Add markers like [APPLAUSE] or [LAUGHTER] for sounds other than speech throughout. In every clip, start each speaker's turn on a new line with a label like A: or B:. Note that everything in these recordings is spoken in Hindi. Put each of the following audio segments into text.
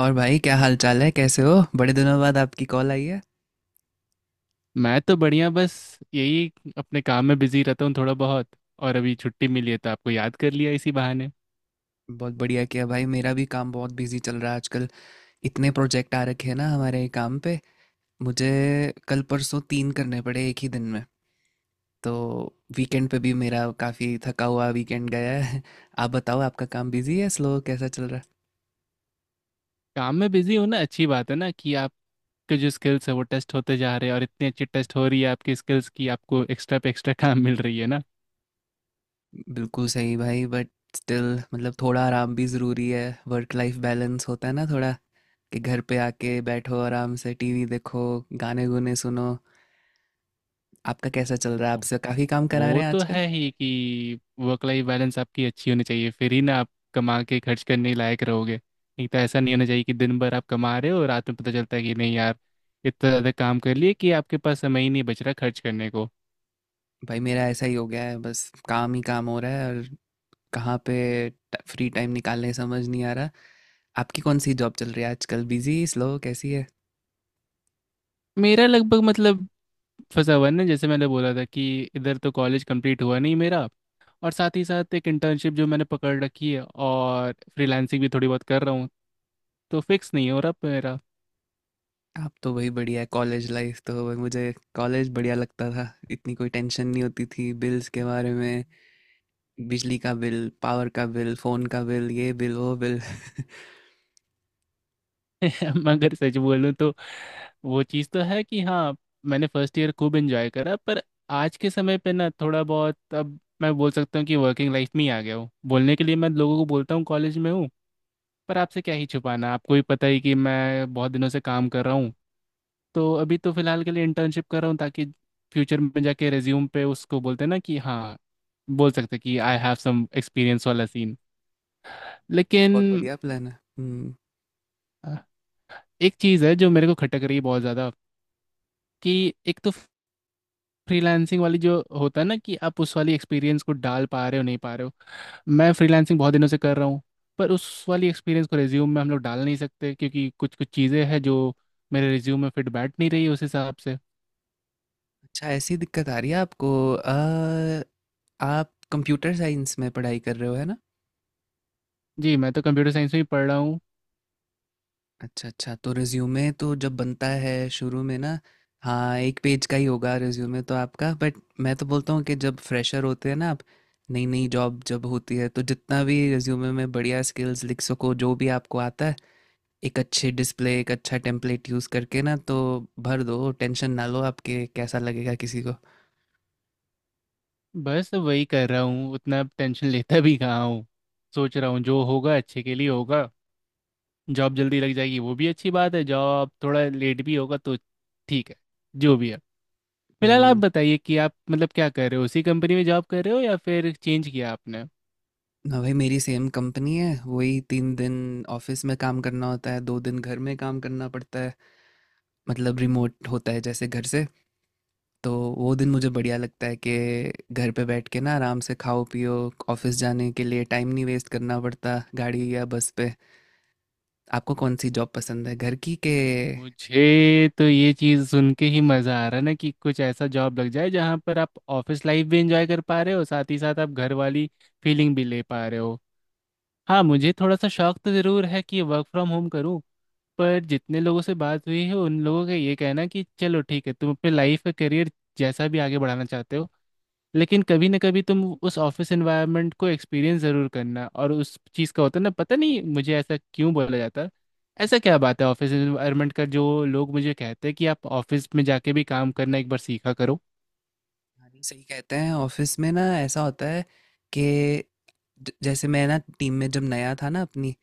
A: और भाई क्या हाल चाल है। कैसे हो। बड़े दिनों बाद आपकी कॉल आई है।
B: मैं तो बढ़िया बस यही अपने काम में बिजी रहता हूँ थोड़ा बहुत। और अभी छुट्टी मिली है तो आपको याद कर लिया इसी बहाने।
A: बहुत बढ़िया किया भाई। मेरा भी काम बहुत बिजी चल रहा है आजकल। इतने प्रोजेक्ट आ रखे हैं ना हमारे काम पे, मुझे कल परसों तीन करने पड़े एक ही दिन में। तो वीकेंड पे भी मेरा काफ़ी थका हुआ वीकेंड गया है [LAUGHS] आप बताओ, आपका काम बिजी है स्लो कैसा चल रहा
B: काम में बिजी होना अच्छी बात है ना कि आपके जो स्किल्स है वो टेस्ट होते जा रहे हैं, और इतनी अच्छी टेस्ट हो रही है आपकी स्किल्स की, आपको एक्स्ट्रा पे एक्स्ट्रा काम मिल रही है ना।
A: है। बिल्कुल सही भाई। बट स्टिल मतलब थोड़ा आराम भी ज़रूरी है। वर्क लाइफ बैलेंस होता है ना थोड़ा, कि घर पे आके बैठो आराम से टीवी देखो, गाने गुने सुनो। आपका कैसा चल रहा है, आपसे काफ़ी काम करा
B: वो
A: रहे हैं
B: तो
A: आजकल।
B: है ही कि वर्क लाइफ बैलेंस आपकी अच्छी होनी चाहिए, फिर ही ना आप कमा के खर्च करने लायक रहोगे। नहीं तो ऐसा नहीं होना चाहिए कि दिन भर आप कमा रहे हो और रात में पता चलता है कि नहीं यार, इतना ज़्यादा काम कर लिए कि आपके पास समय ही नहीं बच रहा खर्च करने को।
A: भाई मेरा ऐसा ही हो गया है, बस काम ही काम हो रहा है और कहाँ पे फ्री टाइम निकालने समझ नहीं आ रहा। आपकी कौन सी जॉब चल रही है आजकल, बिजी स्लो कैसी है।
B: मेरा लगभग मतलब फंसा हुआ है ना, जैसे मैंने बोला था कि इधर तो कॉलेज कंप्लीट हुआ नहीं मेरा, और साथ ही साथ एक इंटर्नशिप जो मैंने पकड़ रखी है, और फ्रीलांसिंग भी थोड़ी बहुत कर रहा हूँ, तो फिक्स नहीं हो रहा मेरा।
A: आप तो वही बढ़िया है कॉलेज लाइफ, तो भाई मुझे कॉलेज बढ़िया लगता था। इतनी कोई टेंशन नहीं होती थी बिल्स के बारे में। बिजली का बिल, पावर का बिल, फ़ोन का बिल, ये बिल वो बिल [LAUGHS]
B: [LAUGHS] मगर सच बोलूँ तो वो चीज़ तो है कि हाँ, मैंने फर्स्ट ईयर खूब एंजॉय करा। पर आज के समय पे ना थोड़ा बहुत अब मैं बोल सकता हूँ कि वर्किंग लाइफ में ही आ गया हूँ। बोलने के लिए मैं लोगों को बोलता हूँ कॉलेज में हूँ, पर आपसे क्या ही छुपाना, आपको भी पता ही कि मैं बहुत दिनों से काम कर रहा हूँ। तो अभी तो फिलहाल के लिए इंटर्नशिप कर रहा हूँ ताकि फ्यूचर में जाके रेज्यूम पे उसको बोलते हैं ना कि हाँ, बोल सकते हैं कि आई हैव सम एक्सपीरियंस वाला सीन। लेकिन
A: बहुत बढ़िया प्लान है। हम्म।
B: अ, एक चीज़ है जो मेरे को खटक रही है बहुत ज़्यादा। कि एक तो फ्रीलांसिंग वाली जो होता है ना कि आप उस वाली एक्सपीरियंस को डाल पा रहे हो नहीं पा रहे हो। मैं फ्रीलांसिंग बहुत दिनों से कर रहा हूँ, पर उस वाली एक्सपीरियंस को रेज्यूम में हम लोग डाल नहीं सकते, क्योंकि कुछ कुछ चीज़ें हैं जो मेरे रेज्यूम में फिट बैठ नहीं रही उस हिसाब से।
A: अच्छा, ऐसी दिक्कत आ रही है आपको। आप कंप्यूटर साइंस में पढ़ाई कर रहे हो है ना।
B: जी, मैं तो कंप्यूटर साइंस में ही पढ़ रहा हूँ।
A: अच्छा अच्छा, तो रिज्यूमे तो जब बनता है शुरू में ना, हाँ एक पेज का ही होगा रिज्यूमे तो आपका। बट मैं तो बोलता हूँ कि जब फ्रेशर होते हैं ना आप, नई नई जॉब जब होती है, तो जितना भी रिज्यूमे में बढ़िया स्किल्स लिख सको जो भी आपको आता है, एक अच्छे डिस्प्ले, एक अच्छा टेम्पलेट यूज़ करके ना, तो भर दो। टेंशन ना लो, आपके कैसा लगेगा किसी को।
B: बस वही कर रहा हूँ, उतना टेंशन लेता भी कहाँ हूँ। सोच रहा हूँ जो होगा अच्छे के लिए होगा। जॉब जल्दी लग जाएगी वो भी अच्छी बात है, जॉब थोड़ा लेट भी होगा तो ठीक है। जो भी है, फिलहाल आप
A: हम्म,
B: बताइए कि आप मतलब क्या कर रहे हो, उसी कंपनी में जॉब कर रहे हो या फिर चेंज किया आपने।
A: ना भाई मेरी सेम कंपनी है। वही 3 दिन ऑफिस में काम करना होता है, 2 दिन घर में काम करना पड़ता है। मतलब रिमोट होता है जैसे घर से। तो वो दिन मुझे बढ़िया लगता है कि घर पे बैठ के ना आराम से खाओ पियो, ऑफिस जाने के लिए टाइम नहीं वेस्ट करना पड़ता गाड़ी या बस पे। आपको कौन सी जॉब पसंद है, घर की के।
B: मुझे तो ये चीज़ सुन के ही मज़ा आ रहा है ना कि कुछ ऐसा जॉब लग जाए जहाँ पर आप ऑफिस लाइफ भी एंजॉय कर पा रहे हो, साथ ही साथ आप घर वाली फीलिंग भी ले पा रहे हो। हाँ, मुझे थोड़ा सा शौक तो ज़रूर है कि वर्क फ्रॉम होम करूँ। पर जितने लोगों से बात हुई है उन लोगों का ये कहना है कि चलो ठीक है, तुम अपने लाइफ का करियर जैसा भी आगे बढ़ाना चाहते हो, लेकिन कभी ना कभी तुम उस ऑफिस एनवायरनमेंट को एक्सपीरियंस ज़रूर करना। और उस चीज़ का होता है ना, पता नहीं मुझे ऐसा क्यों बोला जाता है। ऐसा क्या बात है ऑफिस एनवायरनमेंट का जो लोग मुझे कहते हैं कि आप ऑफिस में जाके भी काम करना एक बार सीखा करो।
A: हाँ, नहीं, सही कहते हैं। ऑफिस में ना ऐसा होता है कि जैसे मैं ना टीम में जब नया था ना अपनी,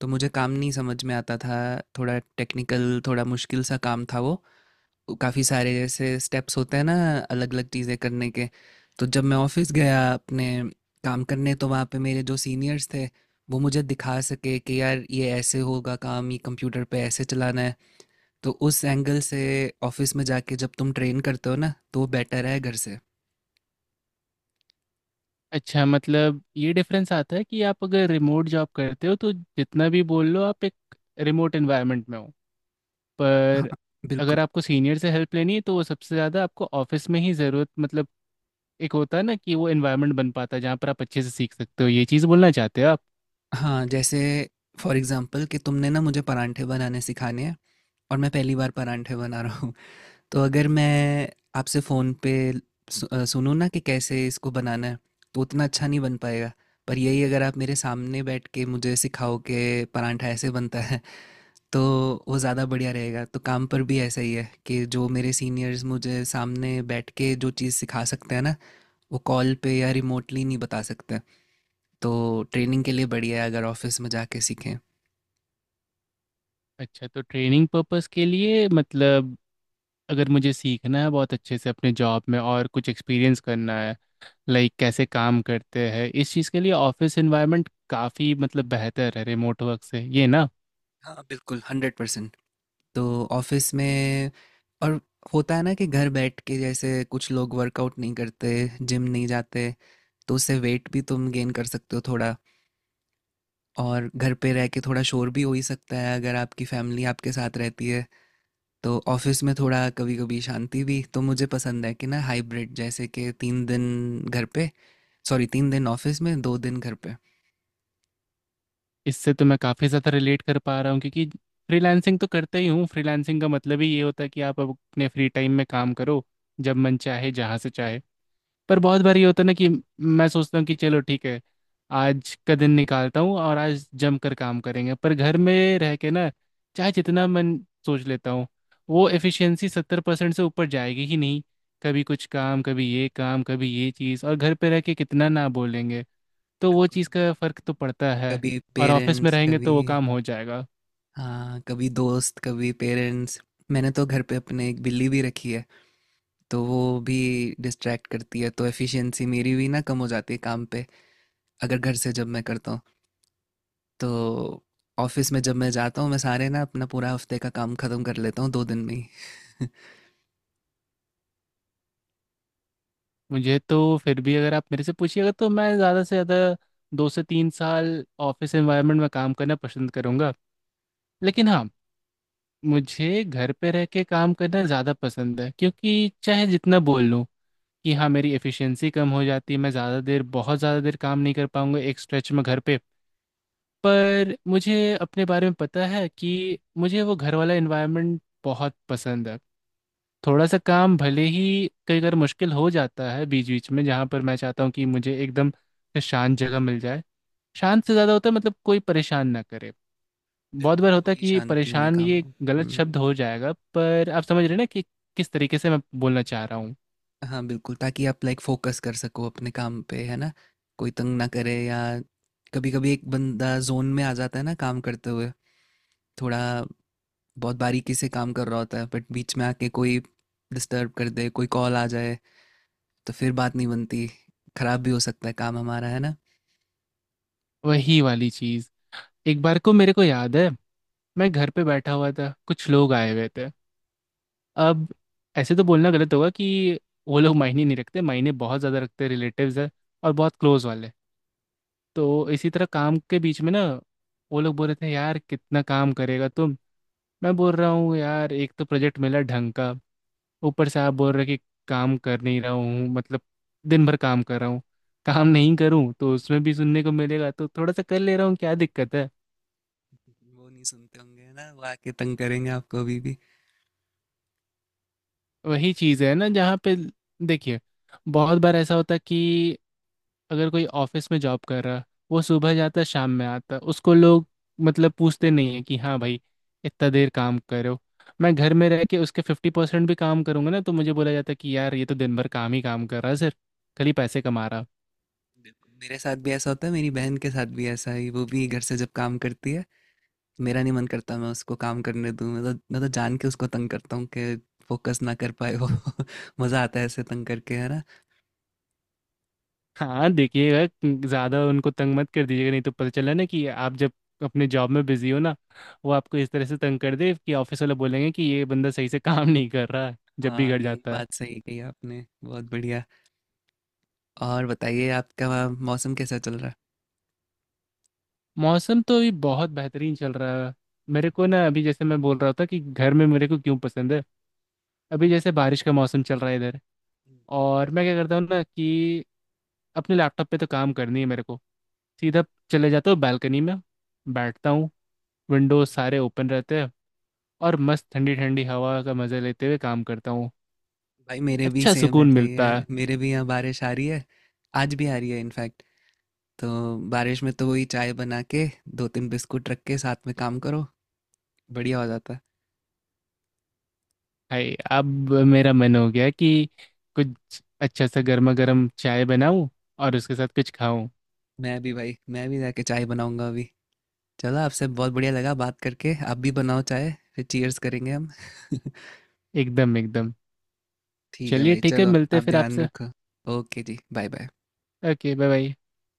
A: तो मुझे काम नहीं समझ में आता था। थोड़ा टेक्निकल, थोड़ा मुश्किल सा काम था वो। काफ़ी सारे जैसे स्टेप्स होते हैं ना अलग अलग चीज़ें करने के। तो जब मैं ऑफिस गया अपने काम करने, तो वहाँ पे मेरे जो सीनियर्स थे वो मुझे दिखा सके कि यार ये ऐसे होगा काम, ये कंप्यूटर पे ऐसे चलाना है। तो उस एंगल से ऑफिस में जाके जब तुम ट्रेन करते हो ना, तो वो बेटर है घर से।
B: अच्छा, मतलब ये डिफरेंस आता है कि आप अगर रिमोट जॉब करते हो तो जितना भी बोल लो आप एक रिमोट एनवायरनमेंट में हो,
A: हाँ
B: पर अगर
A: बिल्कुल।
B: आपको सीनियर से हेल्प लेनी है तो वो सबसे ज़्यादा आपको ऑफिस में ही ज़रूरत, मतलब एक होता है ना कि वो एनवायरनमेंट बन पाता है जहाँ पर आप अच्छे से सीख सकते हो। ये चीज़ बोलना चाहते हो आप।
A: हाँ जैसे फॉर एग्जांपल कि तुमने ना मुझे परांठे बनाने सिखाने हैं और मैं पहली बार परांठे बना रहा, तो अगर मैं आपसे फ़ोन पे सुनूँ ना कि कैसे इसको बनाना है, तो उतना अच्छा नहीं बन पाएगा। पर यही अगर आप मेरे सामने बैठ के मुझे सिखाओ कि परांठा ऐसे बनता है, तो वो ज़्यादा बढ़िया रहेगा। तो काम पर भी ऐसा ही है कि जो मेरे सीनियर्स मुझे सामने बैठ के जो चीज़ सिखा सकते हैं ना, वो कॉल पे या रिमोटली नहीं बता सकते। तो ट्रेनिंग के लिए बढ़िया है अगर ऑफिस में जाके सीखें।
B: अच्छा, तो ट्रेनिंग पर्पस के लिए मतलब अगर मुझे सीखना है बहुत अच्छे से अपने जॉब में और कुछ एक्सपीरियंस करना है, लाइक कैसे काम करते हैं, इस चीज़ के लिए ऑफिस एनवायरनमेंट काफ़ी मतलब बेहतर है रिमोट वर्क से, ये ना।
A: हाँ बिल्कुल, 100%। तो ऑफिस में और होता है ना कि घर बैठ के जैसे कुछ लोग वर्कआउट नहीं करते, जिम नहीं जाते, तो उससे वेट भी तुम गेन कर सकते हो थोड़ा। और घर पे रह के थोड़ा शोर भी हो ही सकता है अगर आपकी फैमिली आपके साथ रहती है। तो ऑफिस में थोड़ा कभी कभी शांति भी, तो मुझे पसंद है कि ना हाइब्रिड, जैसे कि 3 दिन घर पे, सॉरी 3 दिन ऑफिस में 2 दिन घर पे।
B: इससे तो मैं काफ़ी ज़्यादा रिलेट कर पा रहा हूँ, क्योंकि फ्रीलांसिंग तो करता ही हूँ। फ्रीलांसिंग का मतलब ही ये होता है कि आप अपने फ्री टाइम में काम करो, जब मन चाहे जहाँ से चाहे। पर बहुत बार ये होता है ना कि मैं सोचता हूँ कि चलो ठीक है, आज का दिन निकालता हूँ और आज जम कर काम करेंगे, पर घर में रह के ना चाहे जितना मन सोच लेता हूँ, वो एफिशिएंसी 70% से ऊपर जाएगी ही नहीं। कभी कुछ काम, कभी ये काम, कभी ये चीज़, और घर पे रह के कितना ना बोलेंगे, तो वो
A: बिल्कुल।
B: चीज़ का फ़र्क तो पड़ता है।
A: कभी
B: और ऑफिस में
A: पेरेंट्स
B: रहेंगे
A: कभी,
B: तो वो काम हो जाएगा।
A: हाँ कभी दोस्त कभी पेरेंट्स। मैंने तो घर पे अपने एक बिल्ली भी रखी है। तो वो भी डिस्ट्रैक्ट करती है, तो एफिशिएंसी मेरी भी ना कम हो जाती है काम पे, अगर घर से जब मैं करता हूँ। तो ऑफिस में जब मैं जाता हूँ, मैं सारे ना अपना पूरा हफ्ते का काम खत्म कर लेता हूँ 2 दिन में ही [LAUGHS]
B: मुझे तो फिर भी अगर आप मेरे से पूछिएगा तो मैं ज़्यादा से ज़्यादा 2 से 3 साल ऑफिस एनवायरनमेंट में काम करना पसंद करूँगा। लेकिन हाँ, मुझे घर पे रह के काम करना ज़्यादा पसंद है, क्योंकि चाहे जितना बोल लूँ कि हाँ मेरी एफिशिएंसी कम हो जाती है, मैं ज़्यादा देर, बहुत ज़्यादा देर काम नहीं कर पाऊँगा एक स्ट्रेच में घर पे। पर मुझे अपने बारे में पता है कि मुझे वो घर वाला एनवायरनमेंट बहुत पसंद है। थोड़ा सा काम भले ही कई बार मुश्किल हो जाता है बीच बीच में, जहाँ पर मैं चाहता हूँ कि मुझे एकदम से शांत जगह मिल जाए। शांत से ज़्यादा होता है मतलब कोई परेशान ना करे। बहुत
A: बिल्कुल,
B: बार होता है
A: थोड़ी
B: कि ये
A: शांति में
B: परेशान
A: काम
B: ये
A: हो।
B: गलत
A: हम्म,
B: शब्द हो जाएगा, पर आप समझ रहे हैं ना कि किस तरीके से मैं बोलना चाह रहा हूँ।
A: हाँ बिल्कुल, ताकि आप लाइक फोकस कर सको अपने काम पे है ना। कोई तंग ना करे, या कभी कभी एक बंदा जोन में आ जाता है ना काम करते हुए, थोड़ा बहुत बारीकी से काम कर रहा होता है, बट बीच में आके कोई डिस्टर्ब कर दे, कोई कॉल आ जाए, तो फिर बात नहीं बनती, खराब भी हो सकता है काम हमारा, है ना।
B: वही वाली चीज़, एक बार को मेरे को याद है मैं घर पे बैठा हुआ था, कुछ लोग आए हुए थे। अब, ऐसे तो बोलना गलत होगा कि वो लोग मायने नहीं रखते, मायने बहुत ज़्यादा रखते, रिलेटिव्स है और बहुत क्लोज वाले। तो इसी तरह काम के बीच में ना वो लोग बोल रहे थे यार कितना काम करेगा तुम। मैं बोल रहा हूँ यार एक तो प्रोजेक्ट मिला ढंग का, ऊपर से आप बोल रहे कि काम कर नहीं रहा हूँ। मतलब दिन भर काम कर रहा हूँ, काम नहीं करूँ तो उसमें भी सुनने को मिलेगा, तो थोड़ा सा कर ले रहा हूँ, क्या दिक्कत है।
A: वो नहीं सुनते होंगे है ना, वो आके तंग करेंगे आपको अभी भी।
B: वही चीज़ है ना जहाँ पे, देखिए, बहुत बार ऐसा होता है कि अगर कोई ऑफिस में जॉब कर रहा, वो सुबह जाता शाम में आता, उसको लोग मतलब पूछते नहीं है कि हाँ भाई इतना देर काम करे हो। मैं घर में रह के उसके 50% भी काम करूंगा ना तो मुझे बोला जाता कि यार ये तो दिन भर काम ही काम कर रहा है सर, खाली पैसे कमा रहा।
A: मेरे साथ भी ऐसा होता है, मेरी बहन के साथ भी ऐसा ही, वो भी घर से जब काम करती है मेरा नहीं मन करता मैं उसको काम करने दूँ। मैं तो जान के उसको तंग करता हूँ कि फोकस ना कर पाए वो [LAUGHS] मज़ा आता है ऐसे तंग करके है ना।
B: हाँ देखिएगा, ज़्यादा उनको तंग मत कर दीजिएगा, नहीं तो पता चला ना कि आप जब अपने जॉब में बिजी हो ना वो आपको इस तरह से तंग कर दे कि ऑफिस वाले बोलेंगे कि ये बंदा सही से काम नहीं कर रहा है जब भी
A: हाँ
B: घर
A: ये
B: जाता है।
A: बात सही कही आपने, बहुत बढ़िया। और बताइए आपका वहाँ मौसम कैसा चल रहा है।
B: मौसम तो अभी बहुत बेहतरीन चल रहा है। मेरे को ना अभी जैसे मैं बोल रहा था कि घर में मेरे को क्यों पसंद है, अभी जैसे बारिश का मौसम चल रहा है इधर। और मैं क्या करता हूँ ना कि अपने लैपटॉप पे तो काम करनी है मेरे को, सीधा चले जाता हूँ बालकनी में, बैठता हूँ, विंडोज सारे ओपन रहते हैं, और मस्त ठंडी ठंडी हवा का मज़े लेते हुए काम करता हूँ।
A: भाई मेरे भी
B: अच्छा
A: सेम
B: सुकून
A: ऐसा ही
B: मिलता है।
A: है, मेरे भी यहाँ बारिश आ रही है, आज भी आ रही है इनफैक्ट। तो बारिश में तो वही चाय बना के दो तीन बिस्कुट रख के साथ में काम करो, बढ़िया हो जाता है।
B: हाय, अब मेरा मन हो गया कि कुछ अच्छा सा गर्मा गर्म चाय बनाऊँ और उसके साथ कुछ खाऊं।
A: मैं भी भाई, मैं भी जाके चाय बनाऊंगा अभी। चलो, आपसे बहुत बढ़िया लगा बात करके। आप भी बनाओ चाय, फिर चीयर्स करेंगे हम [LAUGHS]
B: एकदम एकदम।
A: ठीक है
B: चलिए
A: भाई,
B: ठीक है,
A: चलो
B: मिलते हैं
A: आप
B: फिर
A: ध्यान
B: आपसे।
A: रखो। ओके जी, bye bye.
B: Okay, bye bye.